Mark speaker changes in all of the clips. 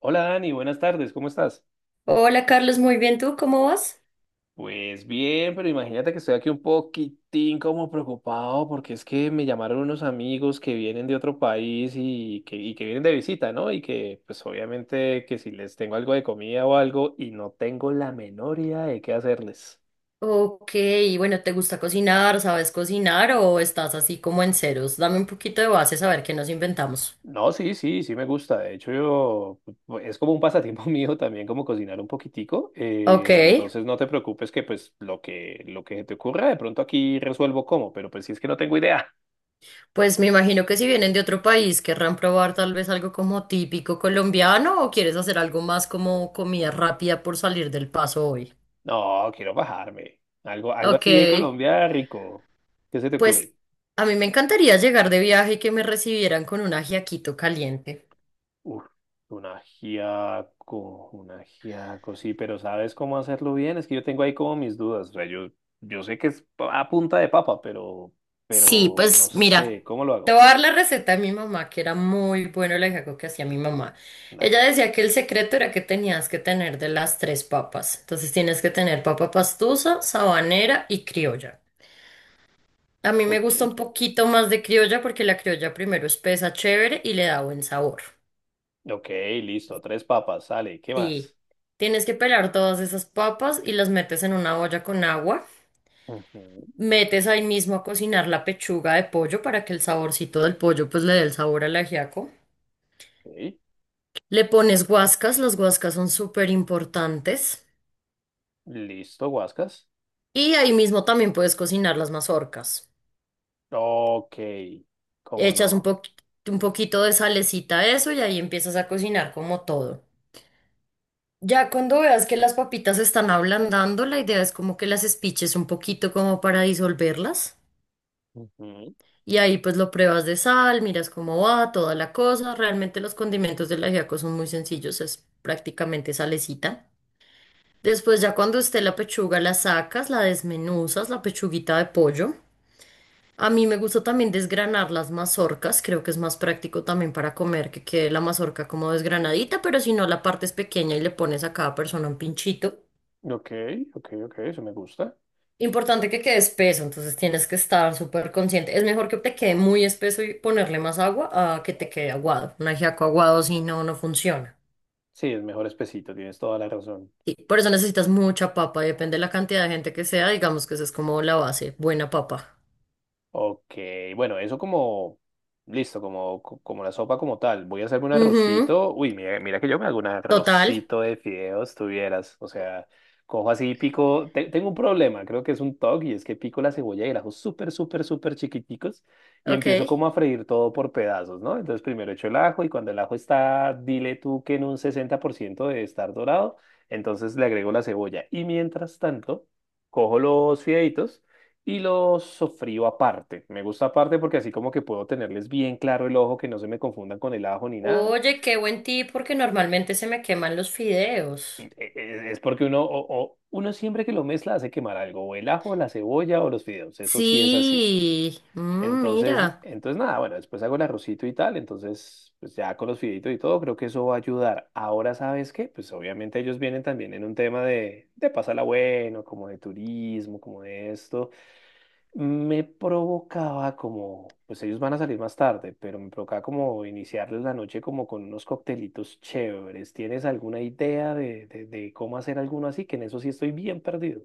Speaker 1: Hola Dani, buenas tardes, ¿cómo estás?
Speaker 2: Hola Carlos, muy bien, ¿tú cómo vas?
Speaker 1: Pues bien, pero imagínate que estoy aquí un poquitín como preocupado porque es que me llamaron unos amigos que vienen de otro país y que vienen de visita, ¿no? Y que pues obviamente que si les tengo algo de comida o algo y no tengo la menor idea de qué hacerles.
Speaker 2: Ok, bueno, ¿te gusta cocinar? ¿Sabes cocinar o estás así como en ceros? Dame un poquito de base a ver qué nos inventamos.
Speaker 1: No, sí, sí, sí me gusta. De hecho, yo pues, es como un pasatiempo mío también como cocinar un poquitico.
Speaker 2: Ok,
Speaker 1: Entonces no te preocupes que pues lo que se te ocurra de pronto aquí resuelvo cómo, pero pues si es que no tengo idea.
Speaker 2: pues me imagino que si vienen de otro país querrán probar tal vez algo como típico colombiano o quieres hacer algo más como comida rápida por salir del paso hoy.
Speaker 1: No, quiero bajarme. Algo
Speaker 2: Ok,
Speaker 1: así de Colombia rico. ¿Qué se te
Speaker 2: pues
Speaker 1: ocurre?
Speaker 2: a mí me encantaría llegar de viaje y que me recibieran con un ajiaquito caliente.
Speaker 1: Uf, un ajiaco, sí, pero ¿sabes cómo hacerlo bien? Es que yo tengo ahí como mis dudas. O sea, yo sé que es a punta de papa, pero,
Speaker 2: Sí,
Speaker 1: pero no
Speaker 2: pues
Speaker 1: sé,
Speaker 2: mira,
Speaker 1: ¿cómo lo
Speaker 2: te
Speaker 1: hago?
Speaker 2: voy a dar la receta de mi mamá, que era muy bueno el ajiaco que hacía mi mamá.
Speaker 1: Dale.
Speaker 2: Ella decía que el secreto era que tenías que tener de las tres papas. Entonces tienes que tener papa pastusa, sabanera y criolla. A mí me
Speaker 1: Ok,
Speaker 2: gusta un poquito más de criolla porque la criolla primero espesa chévere y le da buen sabor.
Speaker 1: ok, listo. Tres papas, sale. ¿Qué
Speaker 2: Sí,
Speaker 1: más?
Speaker 2: tienes que pelar todas esas papas y las metes en una olla con agua.
Speaker 1: Ujú.
Speaker 2: Metes ahí mismo a cocinar la pechuga de pollo para que el saborcito del pollo pues le dé el sabor al ajiaco.
Speaker 1: Ok,
Speaker 2: Le pones guascas, las guascas son súper importantes.
Speaker 1: listo, guascas.
Speaker 2: Y ahí mismo también puedes cocinar las mazorcas.
Speaker 1: Ok, cómo
Speaker 2: Echas
Speaker 1: no.
Speaker 2: un poquito de salecita a eso y ahí empiezas a cocinar como todo. Ya cuando veas que las papitas se están ablandando, la idea es como que las espiches un poquito como para disolverlas.
Speaker 1: Ujú.
Speaker 2: Y ahí pues lo pruebas de sal, miras cómo va, toda la cosa. Realmente los condimentos del ajiaco son muy sencillos, es prácticamente salecita. Después ya cuando esté la pechuga la sacas, la desmenuzas, la pechuguita de pollo. A mí me gusta también desgranar las mazorcas, creo que es más práctico también para comer que quede la mazorca como desgranadita, pero si no la partes pequeña y le pones a cada persona un pinchito.
Speaker 1: Ok, ok, ok, eso me gusta.
Speaker 2: Importante que quede espeso, entonces tienes que estar súper consciente. Es mejor que te quede muy espeso y ponerle más agua a que te quede aguado. Un ajiaco aguado si no, no funciona.
Speaker 1: Sí, es mejor espesito, tienes toda la razón.
Speaker 2: Sí, por eso necesitas mucha papa, y depende de la cantidad de gente que sea, digamos que esa es como la base, buena papa.
Speaker 1: Ok, bueno, eso como, listo, como, como la sopa como tal. Voy a hacerme un
Speaker 2: Ujú,
Speaker 1: arrocito. Uy, mira, mira que yo me hago un
Speaker 2: total,
Speaker 1: arrocito de fideos, tuvieras. O sea, cojo así, pico, tengo un problema, creo que es un TOC, y es que pico la cebolla y el ajo súper, súper, súper chiquiticos y
Speaker 2: ok.
Speaker 1: empiezo como a freír todo por pedazos, ¿no? Entonces primero echo el ajo y cuando el ajo está, dile tú que en un 60% de estar dorado, entonces le agrego la cebolla. Y mientras tanto, cojo los fideitos y los sofrío aparte. Me gusta aparte porque así como que puedo tenerles bien claro el ojo, que no se me confundan con el ajo ni nada.
Speaker 2: Oye, qué buen tip, porque normalmente se me queman los fideos.
Speaker 1: Es porque uno, uno siempre que lo mezcla hace quemar algo, o el ajo, la cebolla o los fideos, eso sí es así.
Speaker 2: Sí,
Speaker 1: Entonces,
Speaker 2: mira.
Speaker 1: entonces nada, bueno, después hago el arrocito y tal, entonces pues ya con los fideitos y todo, creo que eso va a ayudar. Ahora, ¿sabes qué? Pues obviamente ellos vienen también en un tema de, pásala bueno, como de turismo, como de esto. Me provocaba como, pues ellos van a salir más tarde, pero me provocaba como iniciarles la noche como con unos coctelitos chéveres. ¿Tienes alguna idea de cómo hacer alguno así? Que en eso sí estoy bien perdido.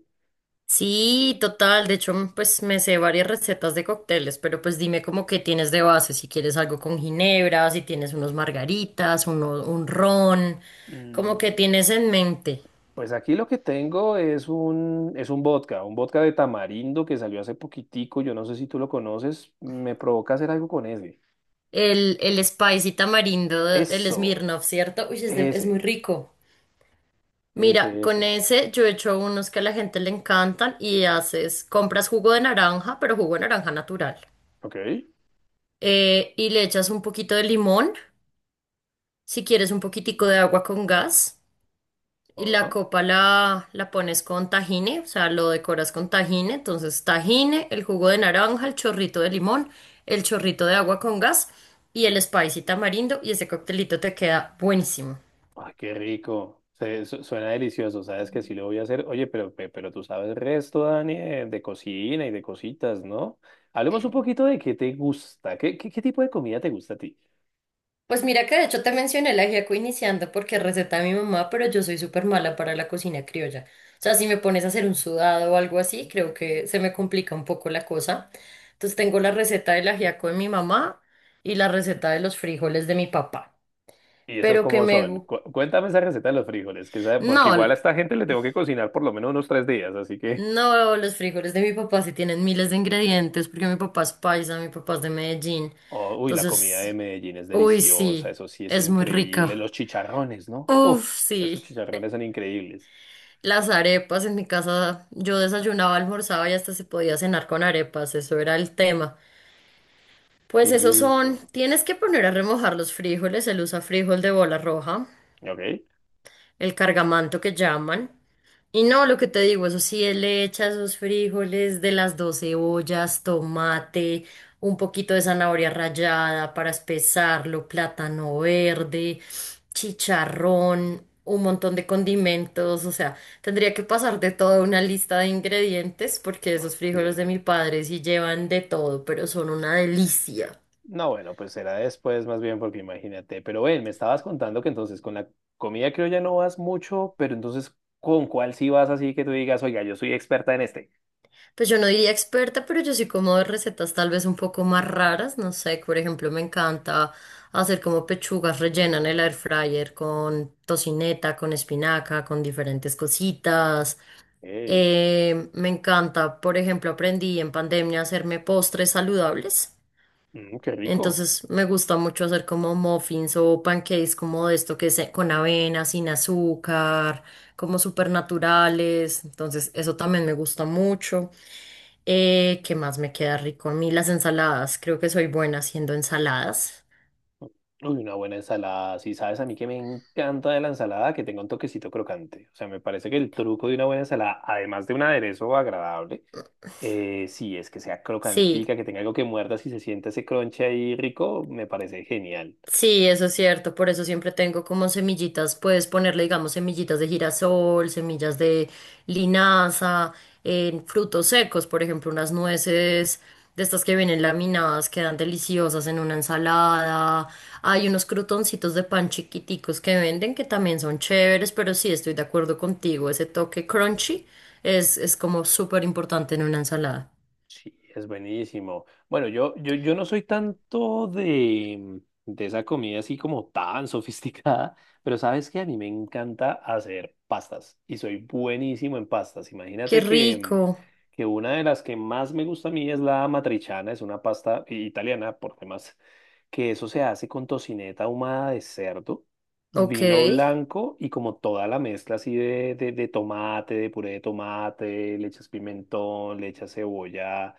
Speaker 2: Sí, total. De hecho, pues me sé varias recetas de cócteles, pero pues dime como que tienes de base, si quieres algo con ginebra, si tienes unos margaritas, uno, un ron, como que
Speaker 1: Mm,
Speaker 2: tienes en mente.
Speaker 1: Pues aquí lo que tengo es un vodka de tamarindo que salió hace poquitico, yo no sé si tú lo conoces, me provoca hacer algo con ese.
Speaker 2: El spicy tamarindo, el
Speaker 1: Eso,
Speaker 2: Smirnoff, ¿cierto? Uy, es, es muy
Speaker 1: ese,
Speaker 2: rico. Mira,
Speaker 1: ese,
Speaker 2: con
Speaker 1: ese.
Speaker 2: ese yo he hecho unos que a la gente le encantan y haces, compras jugo de naranja, pero jugo de naranja natural.
Speaker 1: Ok.
Speaker 2: Y le echas un poquito de limón, si quieres un poquitico de agua con gas. Y la copa la pones con tajine, o sea, lo decoras con tajine. Entonces, tajine, el jugo de naranja, el chorrito de limón, el chorrito de agua con gas y el spicy tamarindo. Y ese coctelito te queda buenísimo.
Speaker 1: Ay, qué rico. Suena delicioso, sabes que sí lo voy a hacer. Oye, pero tú sabes el resto, Dani, de cocina y de cositas, ¿no? Hablemos un poquito de qué te gusta, qué tipo de comida te gusta a ti.
Speaker 2: Pues mira que de hecho te mencioné el ajiaco iniciando porque es receta de mi mamá, pero yo soy súper mala para la cocina criolla. O sea, si me pones a hacer un sudado o algo así, creo que se me complica un poco la cosa. Entonces tengo la receta del ajiaco de mi mamá y la receta de los frijoles de mi papá.
Speaker 1: ¿Y esos
Speaker 2: Pero que
Speaker 1: cómo
Speaker 2: me...
Speaker 1: son?
Speaker 2: gu-
Speaker 1: Cuéntame esa receta de los frijoles, que sabe, porque
Speaker 2: No,
Speaker 1: igual a
Speaker 2: l-
Speaker 1: esta gente le tengo que cocinar por lo menos unos 3 días, así que...
Speaker 2: no, los frijoles de mi papá sí tienen miles de ingredientes porque mi papá es paisa, mi papá es de Medellín.
Speaker 1: Oh, uy, la comida de
Speaker 2: Entonces,
Speaker 1: Medellín es
Speaker 2: uy,
Speaker 1: deliciosa,
Speaker 2: sí,
Speaker 1: eso sí es
Speaker 2: es muy
Speaker 1: increíble.
Speaker 2: rica.
Speaker 1: Los chicharrones, ¿no? Uf,
Speaker 2: Uf,
Speaker 1: esos
Speaker 2: sí.
Speaker 1: chicharrones son increíbles.
Speaker 2: Las arepas en mi casa, yo desayunaba, almorzaba y hasta se podía cenar con arepas, eso era el tema.
Speaker 1: Qué
Speaker 2: Pues esos son,
Speaker 1: rico.
Speaker 2: tienes que poner a remojar los frijoles, el usa frijol de bola roja,
Speaker 1: ¿Ok?
Speaker 2: el cargamanto que llaman. Y no, lo que te digo, eso sí, él le echa esos frijoles de las dos cebollas, tomate, un poquito de zanahoria rallada para espesarlo, plátano verde, chicharrón, un montón de condimentos, o sea, tendría que pasar de toda una lista de ingredientes porque esos
Speaker 1: Ok.
Speaker 2: frijoles de mi padre sí llevan de todo, pero son una delicia.
Speaker 1: No, bueno, pues será después más bien porque imagínate. Pero ven, me estabas contando que entonces con la comida creo ya no vas mucho, pero entonces ¿con cuál sí vas así que tú digas, oiga, yo soy experta en este?
Speaker 2: Pues yo no diría experta, pero yo sí como de recetas tal vez un poco más raras, no sé, por ejemplo, me encanta hacer como pechugas rellenas en el air fryer con tocineta, con espinaca, con diferentes cositas.
Speaker 1: Ey,
Speaker 2: Me encanta, por ejemplo, aprendí en pandemia a hacerme postres saludables.
Speaker 1: qué rico.
Speaker 2: Entonces me gusta mucho hacer como muffins o pancakes como de esto que es con avena, sin azúcar, como súper naturales. Entonces eso también me gusta mucho. ¿Qué más me queda rico a mí? Las ensaladas. Creo que soy buena haciendo ensaladas.
Speaker 1: Uy, una buena ensalada. Sí, sabes, a mí que me encanta de la ensalada que tenga un toquecito crocante. O sea, me parece que el truco de una buena ensalada, además de un aderezo agradable, sí, es que sea
Speaker 2: Sí.
Speaker 1: crocantica, que tenga algo que muerdas y se sienta ese crunch ahí rico, me parece genial.
Speaker 2: Sí, eso es cierto, por eso siempre tengo como semillitas, puedes ponerle, digamos, semillitas de girasol, semillas de linaza, en frutos secos, por ejemplo, unas nueces de estas que vienen laminadas, quedan deliciosas en una ensalada. Hay unos crutoncitos de pan chiquiticos que venden que también son chéveres, pero sí, estoy de acuerdo contigo, ese toque crunchy es como súper importante en una ensalada.
Speaker 1: Sí, es buenísimo. Bueno, yo no soy tanto de esa comida así como tan sofisticada, pero sabes que a mí me encanta hacer pastas y soy buenísimo en pastas.
Speaker 2: Qué
Speaker 1: Imagínate que,
Speaker 2: rico,
Speaker 1: que una de las que más me gusta a mí es la matriciana, es una pasta italiana, por demás, que eso se hace con tocineta ahumada de cerdo,
Speaker 2: ok,
Speaker 1: vino blanco y como toda la mezcla así de tomate, de puré de tomate, le echas pimentón, le echas cebolla,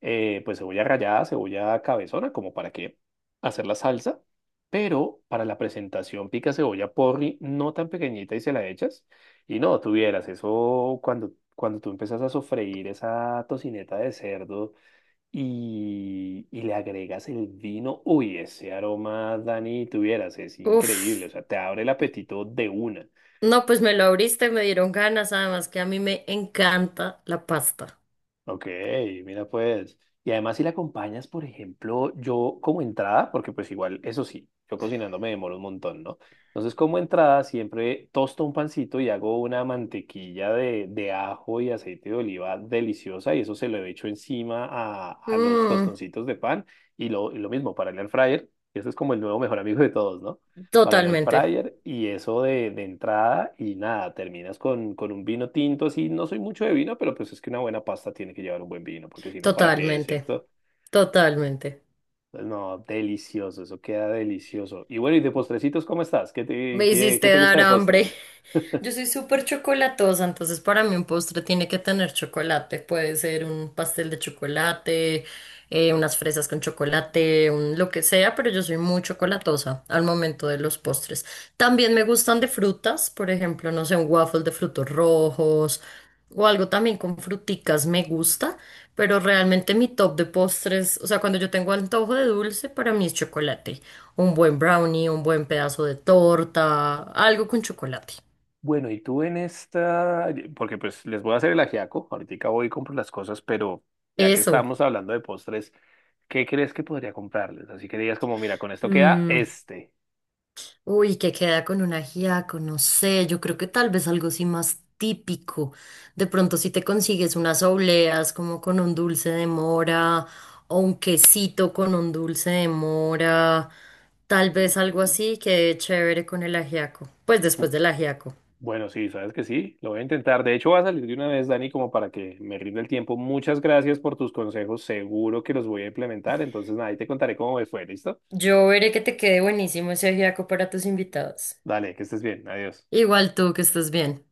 Speaker 1: pues cebolla rallada, cebolla cabezona, como para que hacer la salsa, pero para la presentación pica cebolla porri, no tan pequeñita y se la echas. Y no, tuvieras eso cuando tú empiezas a sofreír esa tocineta de cerdo y le agregas el vino, uy, ese aroma, Dani, tuvieras, es
Speaker 2: uf.
Speaker 1: increíble, o sea, te abre el apetito de una.
Speaker 2: No, pues me lo abriste, me dieron ganas, además que a mí me encanta la pasta.
Speaker 1: Ok, mira pues. Y además si la acompañas, por ejemplo, yo como entrada, porque pues igual, eso sí, yo cocinando me demoro un montón, ¿no? Entonces como entrada siempre tosto un pancito y hago una mantequilla de ajo y aceite de oliva deliciosa y eso se lo echo encima a los
Speaker 2: Mm,
Speaker 1: tostoncitos de pan y lo mismo para el air fryer. Ese es como el nuevo mejor amigo de todos, ¿no? Para el air
Speaker 2: totalmente,
Speaker 1: fryer y eso de entrada y nada, terminas con un vino tinto, así no soy mucho de vino, pero pues es que una buena pasta tiene que llevar un buen vino, porque si no, ¿para qué,
Speaker 2: totalmente,
Speaker 1: cierto?
Speaker 2: totalmente.
Speaker 1: Pues no, delicioso, eso queda delicioso. Y bueno, y de postrecitos, ¿cómo estás? ¿Qué te,
Speaker 2: Me
Speaker 1: qué, qué
Speaker 2: hiciste
Speaker 1: te gusta
Speaker 2: dar
Speaker 1: de
Speaker 2: hambre.
Speaker 1: postre?
Speaker 2: Yo soy súper chocolatosa, entonces para mí un postre tiene que tener chocolate. Puede ser un pastel de chocolate, unas fresas con chocolate, un lo que sea, pero yo soy muy chocolatosa al momento de los postres. También me gustan de frutas, por ejemplo, no sé, un waffle de frutos rojos o algo también con fruticas me gusta, pero realmente mi top de postres, o sea, cuando yo tengo antojo de dulce, para mí es chocolate, un buen brownie, un buen pedazo de torta, algo con chocolate.
Speaker 1: Bueno, y tú en esta, porque pues les voy a hacer el ajiaco, ahorita voy y compro las cosas, pero ya que
Speaker 2: Eso.
Speaker 1: estamos hablando de postres, ¿qué crees que podría comprarles? Así que digas como, mira, con esto queda
Speaker 2: Mm,
Speaker 1: este.
Speaker 2: uy, que queda con un ajiaco, no sé, yo creo que tal vez algo así más típico. De pronto si te consigues unas obleas como con un dulce de mora o un quesito con un dulce de mora, tal vez algo
Speaker 1: Mm,
Speaker 2: así quede chévere con el ajiaco. Pues después
Speaker 1: ¿Tú,
Speaker 2: del ajiaco.
Speaker 1: Bueno, sí, sabes que sí, lo voy a intentar. De hecho, va a salir de una vez, Dani, como para que me rinda el tiempo. Muchas gracias por tus consejos, seguro que los voy a implementar. Entonces, nada, ahí te contaré cómo me fue, ¿listo?
Speaker 2: Yo veré que te quede buenísimo ese ajiaco para tus invitados.
Speaker 1: Dale, que estés bien, adiós.
Speaker 2: Igual tú, que estés bien.